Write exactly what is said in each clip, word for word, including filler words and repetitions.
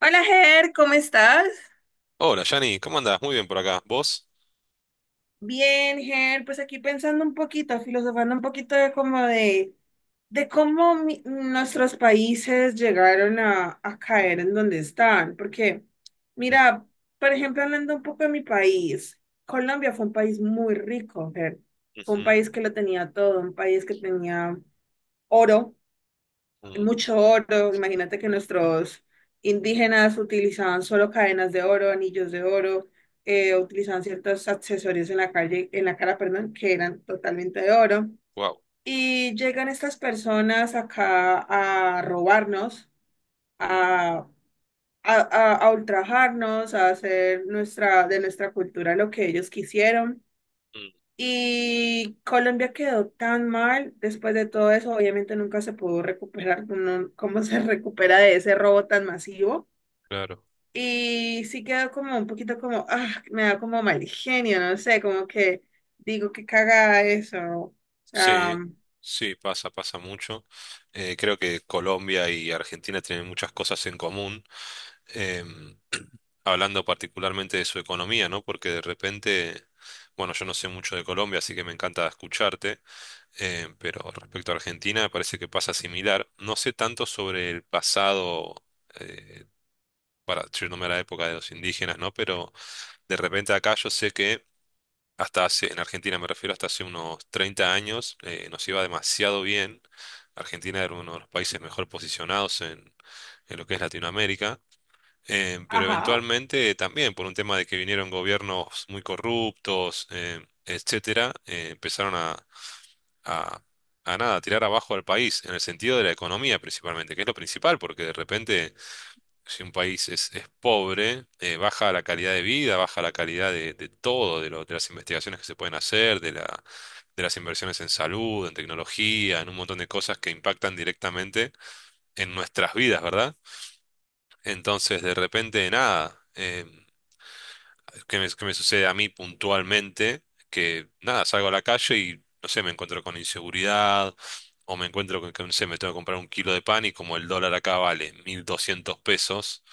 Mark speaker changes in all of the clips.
Speaker 1: Hola, Ger, ¿cómo estás?
Speaker 2: Hola, Yanni, ¿cómo andás? Muy bien por acá. ¿Vos?
Speaker 1: Bien, Ger, pues aquí pensando un poquito, filosofando un poquito de como de, de cómo mi- nuestros países llegaron a, a caer en donde están. Porque,
Speaker 2: Mm.
Speaker 1: mira, por ejemplo, hablando un poco de mi país, Colombia fue un país muy rico, Ger. Fue un
Speaker 2: Ujú.
Speaker 1: país que lo tenía todo, un país que tenía oro,
Speaker 2: Mm.
Speaker 1: mucho oro. Imagínate que nuestros indígenas utilizaban solo cadenas de oro, anillos de oro, eh, utilizaban ciertos accesorios en la calle, en la cara, perdón, que eran totalmente de oro.
Speaker 2: Guau.
Speaker 1: Y llegan estas personas acá a robarnos,
Speaker 2: Mm.
Speaker 1: a, a, a, a ultrajarnos, a hacer nuestra, de nuestra cultura lo que ellos quisieron.
Speaker 2: Mm.
Speaker 1: Y Colombia quedó tan mal después de todo eso, obviamente nunca se pudo recuperar. No- ¿cómo se recupera de ese robo tan masivo?
Speaker 2: Claro.
Speaker 1: Y sí quedó como un poquito como, ah, me da como mal genio, no sé, como que digo que caga eso. O sea,
Speaker 2: Sí, sí, pasa, pasa mucho. Eh, creo que Colombia y Argentina tienen muchas cosas en común. Em, Hablando particularmente de su economía, ¿no? Porque de repente, bueno, yo no sé mucho de Colombia, así que me encanta escucharte, eh, pero respecto a Argentina me parece que pasa similar. No sé tanto sobre el pasado, eh, para yéndome a la época de los indígenas, ¿no? Pero de repente acá yo sé que hasta hace, en Argentina me refiero, hasta hace unos treinta años eh, nos iba demasiado bien. Argentina era uno de los países mejor posicionados en, en lo que es Latinoamérica. Em, pero
Speaker 1: ajá.
Speaker 2: eventualmente también por un tema de que vinieron gobiernos muy corruptos, em, etcétera, eh, empezaron a, a, a nada, a tirar abajo al país, en el sentido de la economía principalmente, que es lo principal, porque de repente si un país es, es pobre, eh, baja la calidad de vida, baja la calidad de, de todo, de, lo- de las investigaciones que se pueden hacer, de la, de las inversiones en salud, en tecnología, en un montón de cosas que impactan directamente en nuestras vidas, ¿verdad? Entonces, de repente, nada, eh, ¿qué me, qué me sucede a mí puntualmente? Que nada, salgo a la calle y, no sé, me encuentro con inseguridad. O me encuentro con que, no sé, me tengo que comprar un kilo de pan, y como el dólar acá vale mil doscientos pesos,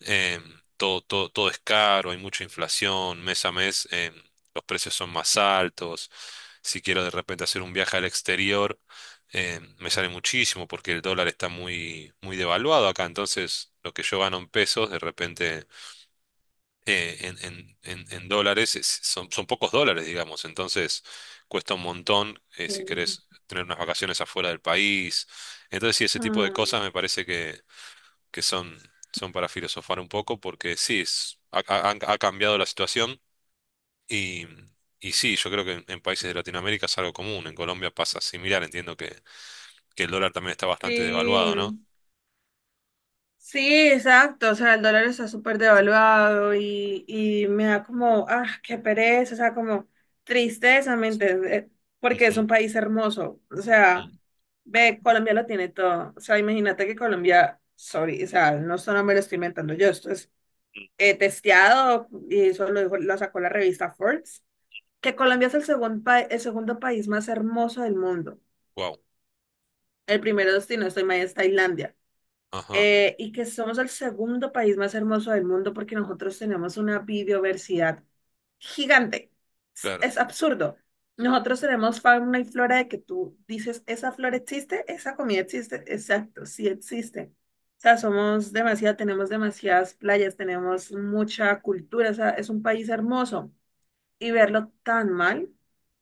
Speaker 2: em, todo, todo, todo es caro, hay mucha inflación, mes a mes em, los precios son más altos. Si quiero de repente hacer un viaje al exterior, em, me sale muchísimo porque el dólar está muy, muy devaluado acá. Entonces, lo que yo gano en pesos, de repente eh, en, en- en- en dólares, es- son, son pocos dólares, digamos. Entonces, cuesta un montón eh, si
Speaker 1: Sí.
Speaker 2: querés tener unas vacaciones afuera del país. Entonces, sí, ese tipo de
Speaker 1: Ah,
Speaker 2: cosas me parece que son, son para filosofar un poco, porque sí, es- ha, ha- han- ha cambiado la situación, y, y sí, yo creo que en, en países de Latinoamérica es algo común, en Colombia pasa similar, entiendo que, que el dólar también está bastante devaluado, ¿no?
Speaker 1: sí. Sí, exacto, o sea, el dólar está súper devaluado y, y me da como, ah, qué pereza, o sea, como tristeza, ¿me entiendes? Eh, Porque es un país hermoso, o sea, ve, Colombia lo tiene todo, o sea, imagínate que Colombia, sorry, o sea, no solo me lo estoy inventando yo, esto es eh, testeado y eso lo dijo, lo sacó la revista Forbes, que Colombia es el segundo, el segundo país más hermoso del mundo.
Speaker 2: Wow,
Speaker 1: El primero, si no estoy mal, es Tailandia.
Speaker 2: ajá,
Speaker 1: Eh, y que somos el segundo país más hermoso del mundo porque nosotros tenemos una biodiversidad gigante. Es,
Speaker 2: claro.
Speaker 1: es absurdo. Nosotros tenemos fauna y flora de que tú dices, esa flora existe, esa comida existe, exacto, sí existe. O sea, somos demasiado, tenemos demasiadas playas, tenemos mucha cultura, o sea, es un país hermoso. Y verlo tan mal,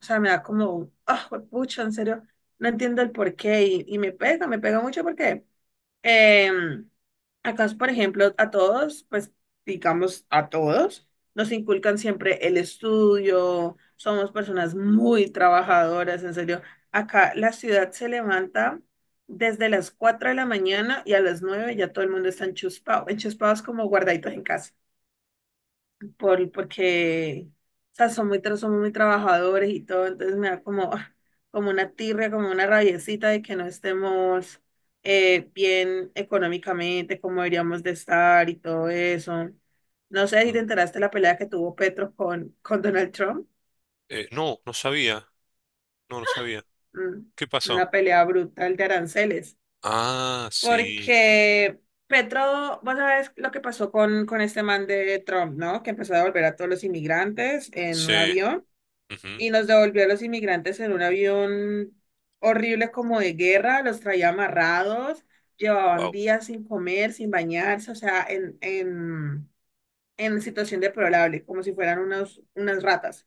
Speaker 1: o sea, me da como, ah, pucha, en serio, no entiendo el porqué y, y me pega, me pega mucho porque eh, acá, por ejemplo, a todos, pues digamos a todos, nos inculcan siempre el estudio, somos personas muy trabajadoras, en serio. Acá la ciudad se levanta desde las cuatro de la mañana y a las nueve ya todo el mundo está enchuspado. Enchuspado es como guardaditos en casa por, porque, o sea, son muy, tra- somos muy trabajadores y todo, entonces me da como, como una tirria, como una rabiecita de que no estemos eh, bien económicamente, como deberíamos de estar y todo eso. No sé si te
Speaker 2: Ujú.
Speaker 1: enteraste de la pelea que tuvo Petro con, con, Donald Trump.
Speaker 2: Eh, no, no sabía, no, no sabía.
Speaker 1: Mm.
Speaker 2: ¿Qué pasó?
Speaker 1: Una pelea brutal de aranceles,
Speaker 2: Ah, sí,
Speaker 1: porque Petro, vos sabés lo que pasó con, con este man de Trump, ¿no? Que empezó a devolver a todos los inmigrantes en
Speaker 2: sí.
Speaker 1: un avión. Y nos devolvió a los inmigrantes en un avión horrible como de guerra, los traía amarrados, llevaban
Speaker 2: Wow,
Speaker 1: días sin comer, sin bañarse, o sea, en, en, en situación deplorable, como si fueran unos, unas ratas.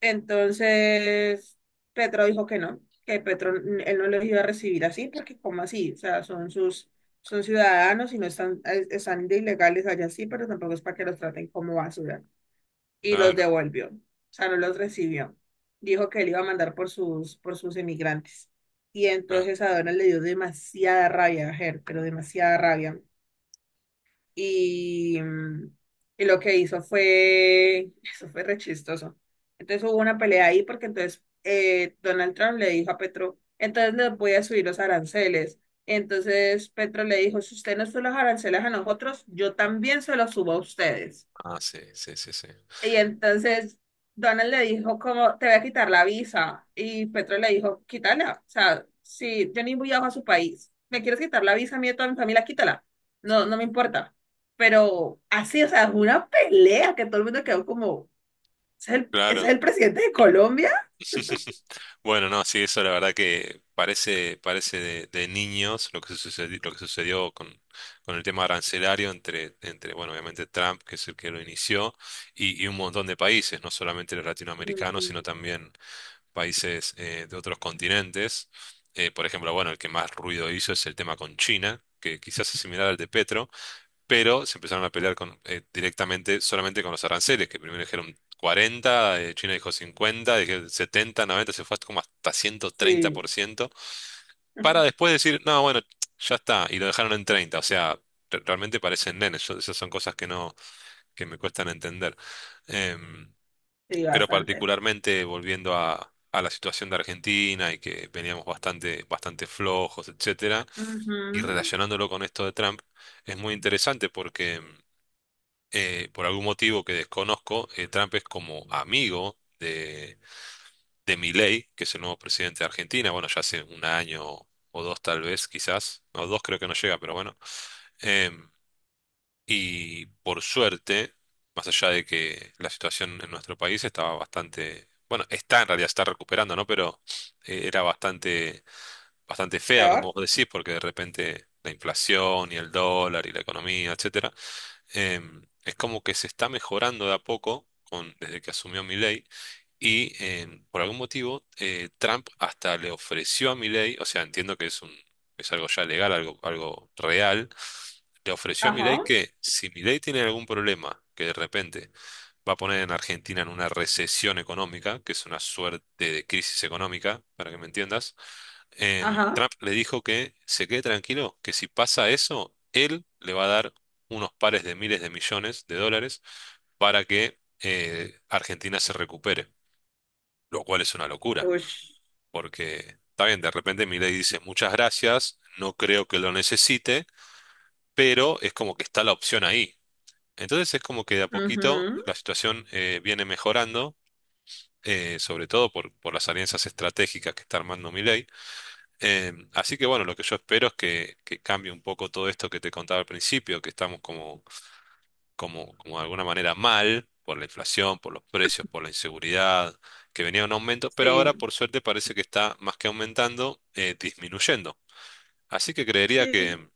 Speaker 1: Entonces, Petro dijo que no, que Petro, él no los iba a recibir así, ¿porque como así? O sea, son sus, son ciudadanos y no están, eh, están de ilegales allá sí, pero tampoco es para que los traten como basura y los
Speaker 2: claro,
Speaker 1: devolvió. O sea, no los recibió. Dijo que él iba a mandar por sus, por sus emigrantes. Y
Speaker 2: claro.
Speaker 1: entonces a Donald le dio demasiada rabia a Her, pero demasiada rabia. Y, mm, y lo que hizo fue, eso fue rechistoso. Entonces hubo una pelea ahí porque entonces eh, Donald Trump le dijo a Petro, entonces les voy a subir los aranceles. Entonces Petro le dijo, si usted no sube los aranceles a nosotros, yo también se los subo a ustedes.
Speaker 2: Ah, sí, sí, sí, sí.
Speaker 1: Y entonces Donald le dijo como, te voy a quitar la visa. Y Petro le dijo, quítala. O sea, si yo ni viajo a su país, me quieres quitar la visa a mí y a toda mi familia, quítala. No, no me importa. Pero así, o sea, es una pelea que todo el mundo quedó como, ¿ese ¿es el, ese
Speaker 2: Claro.
Speaker 1: es el presidente de Colombia?
Speaker 2: Bueno, no, sí, eso la verdad que parece, parece de, de niños lo que sucedió, lo que sucedió con, con el tema arancelario entre, entre, bueno, obviamente Trump, que es el que lo inició, y, y un montón de países, no solamente los latinoamericanos,
Speaker 1: Ujú.
Speaker 2: sino también países eh, de otros continentes. Eh, por ejemplo, bueno, el que más ruido hizo es el tema con China, que quizás es similar al de Petro, pero se empezaron a pelear con, eh, directamente solamente con los aranceles, que primero dijeron cuarenta, eh, China dijo cincuenta, dije setenta, noventa, se fue hasta como hasta ciento treinta
Speaker 1: Sí,
Speaker 2: por ciento para después decir, no, bueno, ya está, y lo dejaron en treinta. O sea, re- realmente parecen nenes, yo- esas son cosas que no, que me cuestan entender. Em,
Speaker 1: sí,
Speaker 2: pero
Speaker 1: bastante.
Speaker 2: particularmente volviendo a... a la situación de Argentina y que veníamos bastante, bastante flojos, etcétera, y
Speaker 1: Ujú.
Speaker 2: relacionándolo con esto de Trump, es muy interesante porque em, eh, por algún motivo que desconozco, eh, Trump es como amigo de, de Milei, que es el nuevo presidente de Argentina, bueno, ya hace un año o dos tal vez, quizás, no, dos creo que no llega, pero bueno. Em, y por suerte, más allá de que la situación en nuestro país estaba bastante, bueno, está en realidad, está recuperando, ¿no? Pero eh, era bastante, bastante fea,
Speaker 1: Peor.
Speaker 2: como vos decís, porque de repente la inflación y el dólar y la economía, etcétera. Em, es como que se está mejorando de a poco con, desde que asumió Milei. Y em, por algún motivo, eh, Trump hasta le ofreció a Milei. O sea, entiendo que es un, es algo ya legal, algo, algo real. Le ofreció a Milei
Speaker 1: Ajá,
Speaker 2: que si Milei tiene algún problema, que de repente va a poner en Argentina en una recesión económica, que es una suerte de crisis económica, para que me entiendas, em,
Speaker 1: ajá.
Speaker 2: Trump le dijo que se quede tranquilo, que si pasa eso, él le va a dar unos pares de miles de millones de dólares para que eh, Argentina se recupere, lo cual es una locura,
Speaker 1: Ush.
Speaker 2: porque está bien, de repente Milei dice muchas gracias, no creo que lo necesite, pero es como que está la opción ahí. Entonces es como que de a poquito
Speaker 1: Ujú.
Speaker 2: la situación eh, viene mejorando, eh, sobre todo por, por las alianzas estratégicas que está armando Milei. Eh, así que bueno, lo que yo espero es que, que cambie un poco todo esto que te contaba al principio, que estamos como como, como de alguna manera mal por la inflación, por los precios, por la inseguridad, que venía un aumento, pero
Speaker 1: Sí,
Speaker 2: ahora por suerte parece que está más que aumentando, eh, disminuyendo. Así que creería
Speaker 1: sí.
Speaker 2: que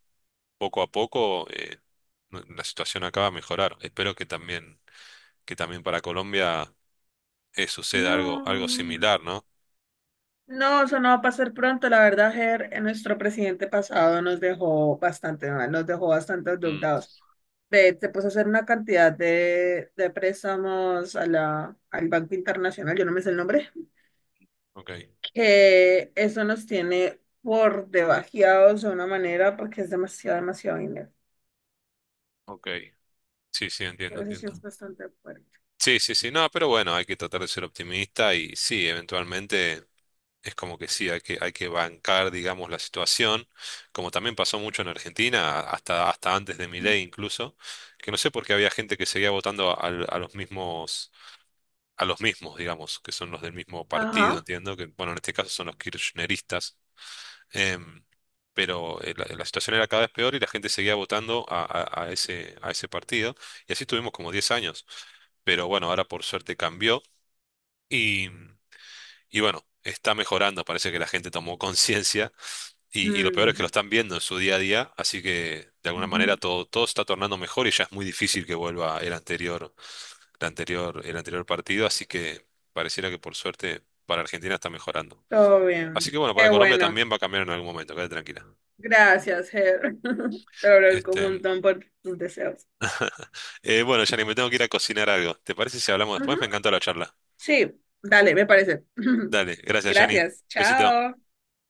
Speaker 2: poco a poco eh, la situación acaba de mejorar. Espero que también, que también para Colombia eh, suceda algo, algo
Speaker 1: No.
Speaker 2: similar, ¿no?
Speaker 1: No, eso no va a pasar pronto. La verdad, Ger, eh, nuestro presidente pasado nos dejó bastante mal, nos dejó bastante
Speaker 2: Mm,
Speaker 1: endeudados. De, se puso a hacer una cantidad de, de préstamos a la, al Banco Internacional, yo no me sé el nombre,
Speaker 2: ok,
Speaker 1: que eso nos tiene por debajeados de una manera porque es demasiado, demasiado dinero.
Speaker 2: ok. Sí, sí, entiendo,
Speaker 1: Entonces sí es
Speaker 2: entiendo.
Speaker 1: bastante fuerte.
Speaker 2: Sí, sí, sí, no, pero bueno, hay que tratar de ser optimista y sí, eventualmente es como que sí, hay que, hay que bancar, digamos, la situación, como también pasó mucho en Argentina, hasta, hasta antes de Milei incluso, que no sé por qué había gente que seguía votando al- a, los mismos, a los mismos, digamos, que son los del mismo partido,
Speaker 1: Ajá.
Speaker 2: entiendo, que bueno, en este caso son los kirchneristas, em, pero eh, la, la situación era cada vez peor y la gente seguía votando a, a- a ese, a ese partido, y así tuvimos como diez años, pero bueno, ahora por suerte cambió y, y bueno, está mejorando, parece que la gente tomó conciencia y, y lo peor es que
Speaker 1: Mm,
Speaker 2: lo están viendo en su día a día, así que de alguna manera
Speaker 1: ujú.
Speaker 2: todo, todo se está tornando mejor y ya es muy difícil que vuelva el anterior, el anterior, el anterior partido, así que pareciera que por suerte para Argentina está mejorando.
Speaker 1: Todo
Speaker 2: Así
Speaker 1: bien.
Speaker 2: que bueno, para
Speaker 1: Qué
Speaker 2: Colombia
Speaker 1: bueno.
Speaker 2: también va a cambiar en algún momento, quédate tranquila.
Speaker 1: Gracias, Ger. Te lo agradezco un
Speaker 2: Este,
Speaker 1: montón por tus deseos.
Speaker 2: eh, bueno, Yanni, me tengo que ir a cocinar algo. ¿Te parece si hablamos después?
Speaker 1: Ujú.
Speaker 2: Me encantó la charla.
Speaker 1: Sí, dale, me parece.
Speaker 2: Dale, gracias, Yanni.
Speaker 1: Gracias.
Speaker 2: Besito.
Speaker 1: Chao.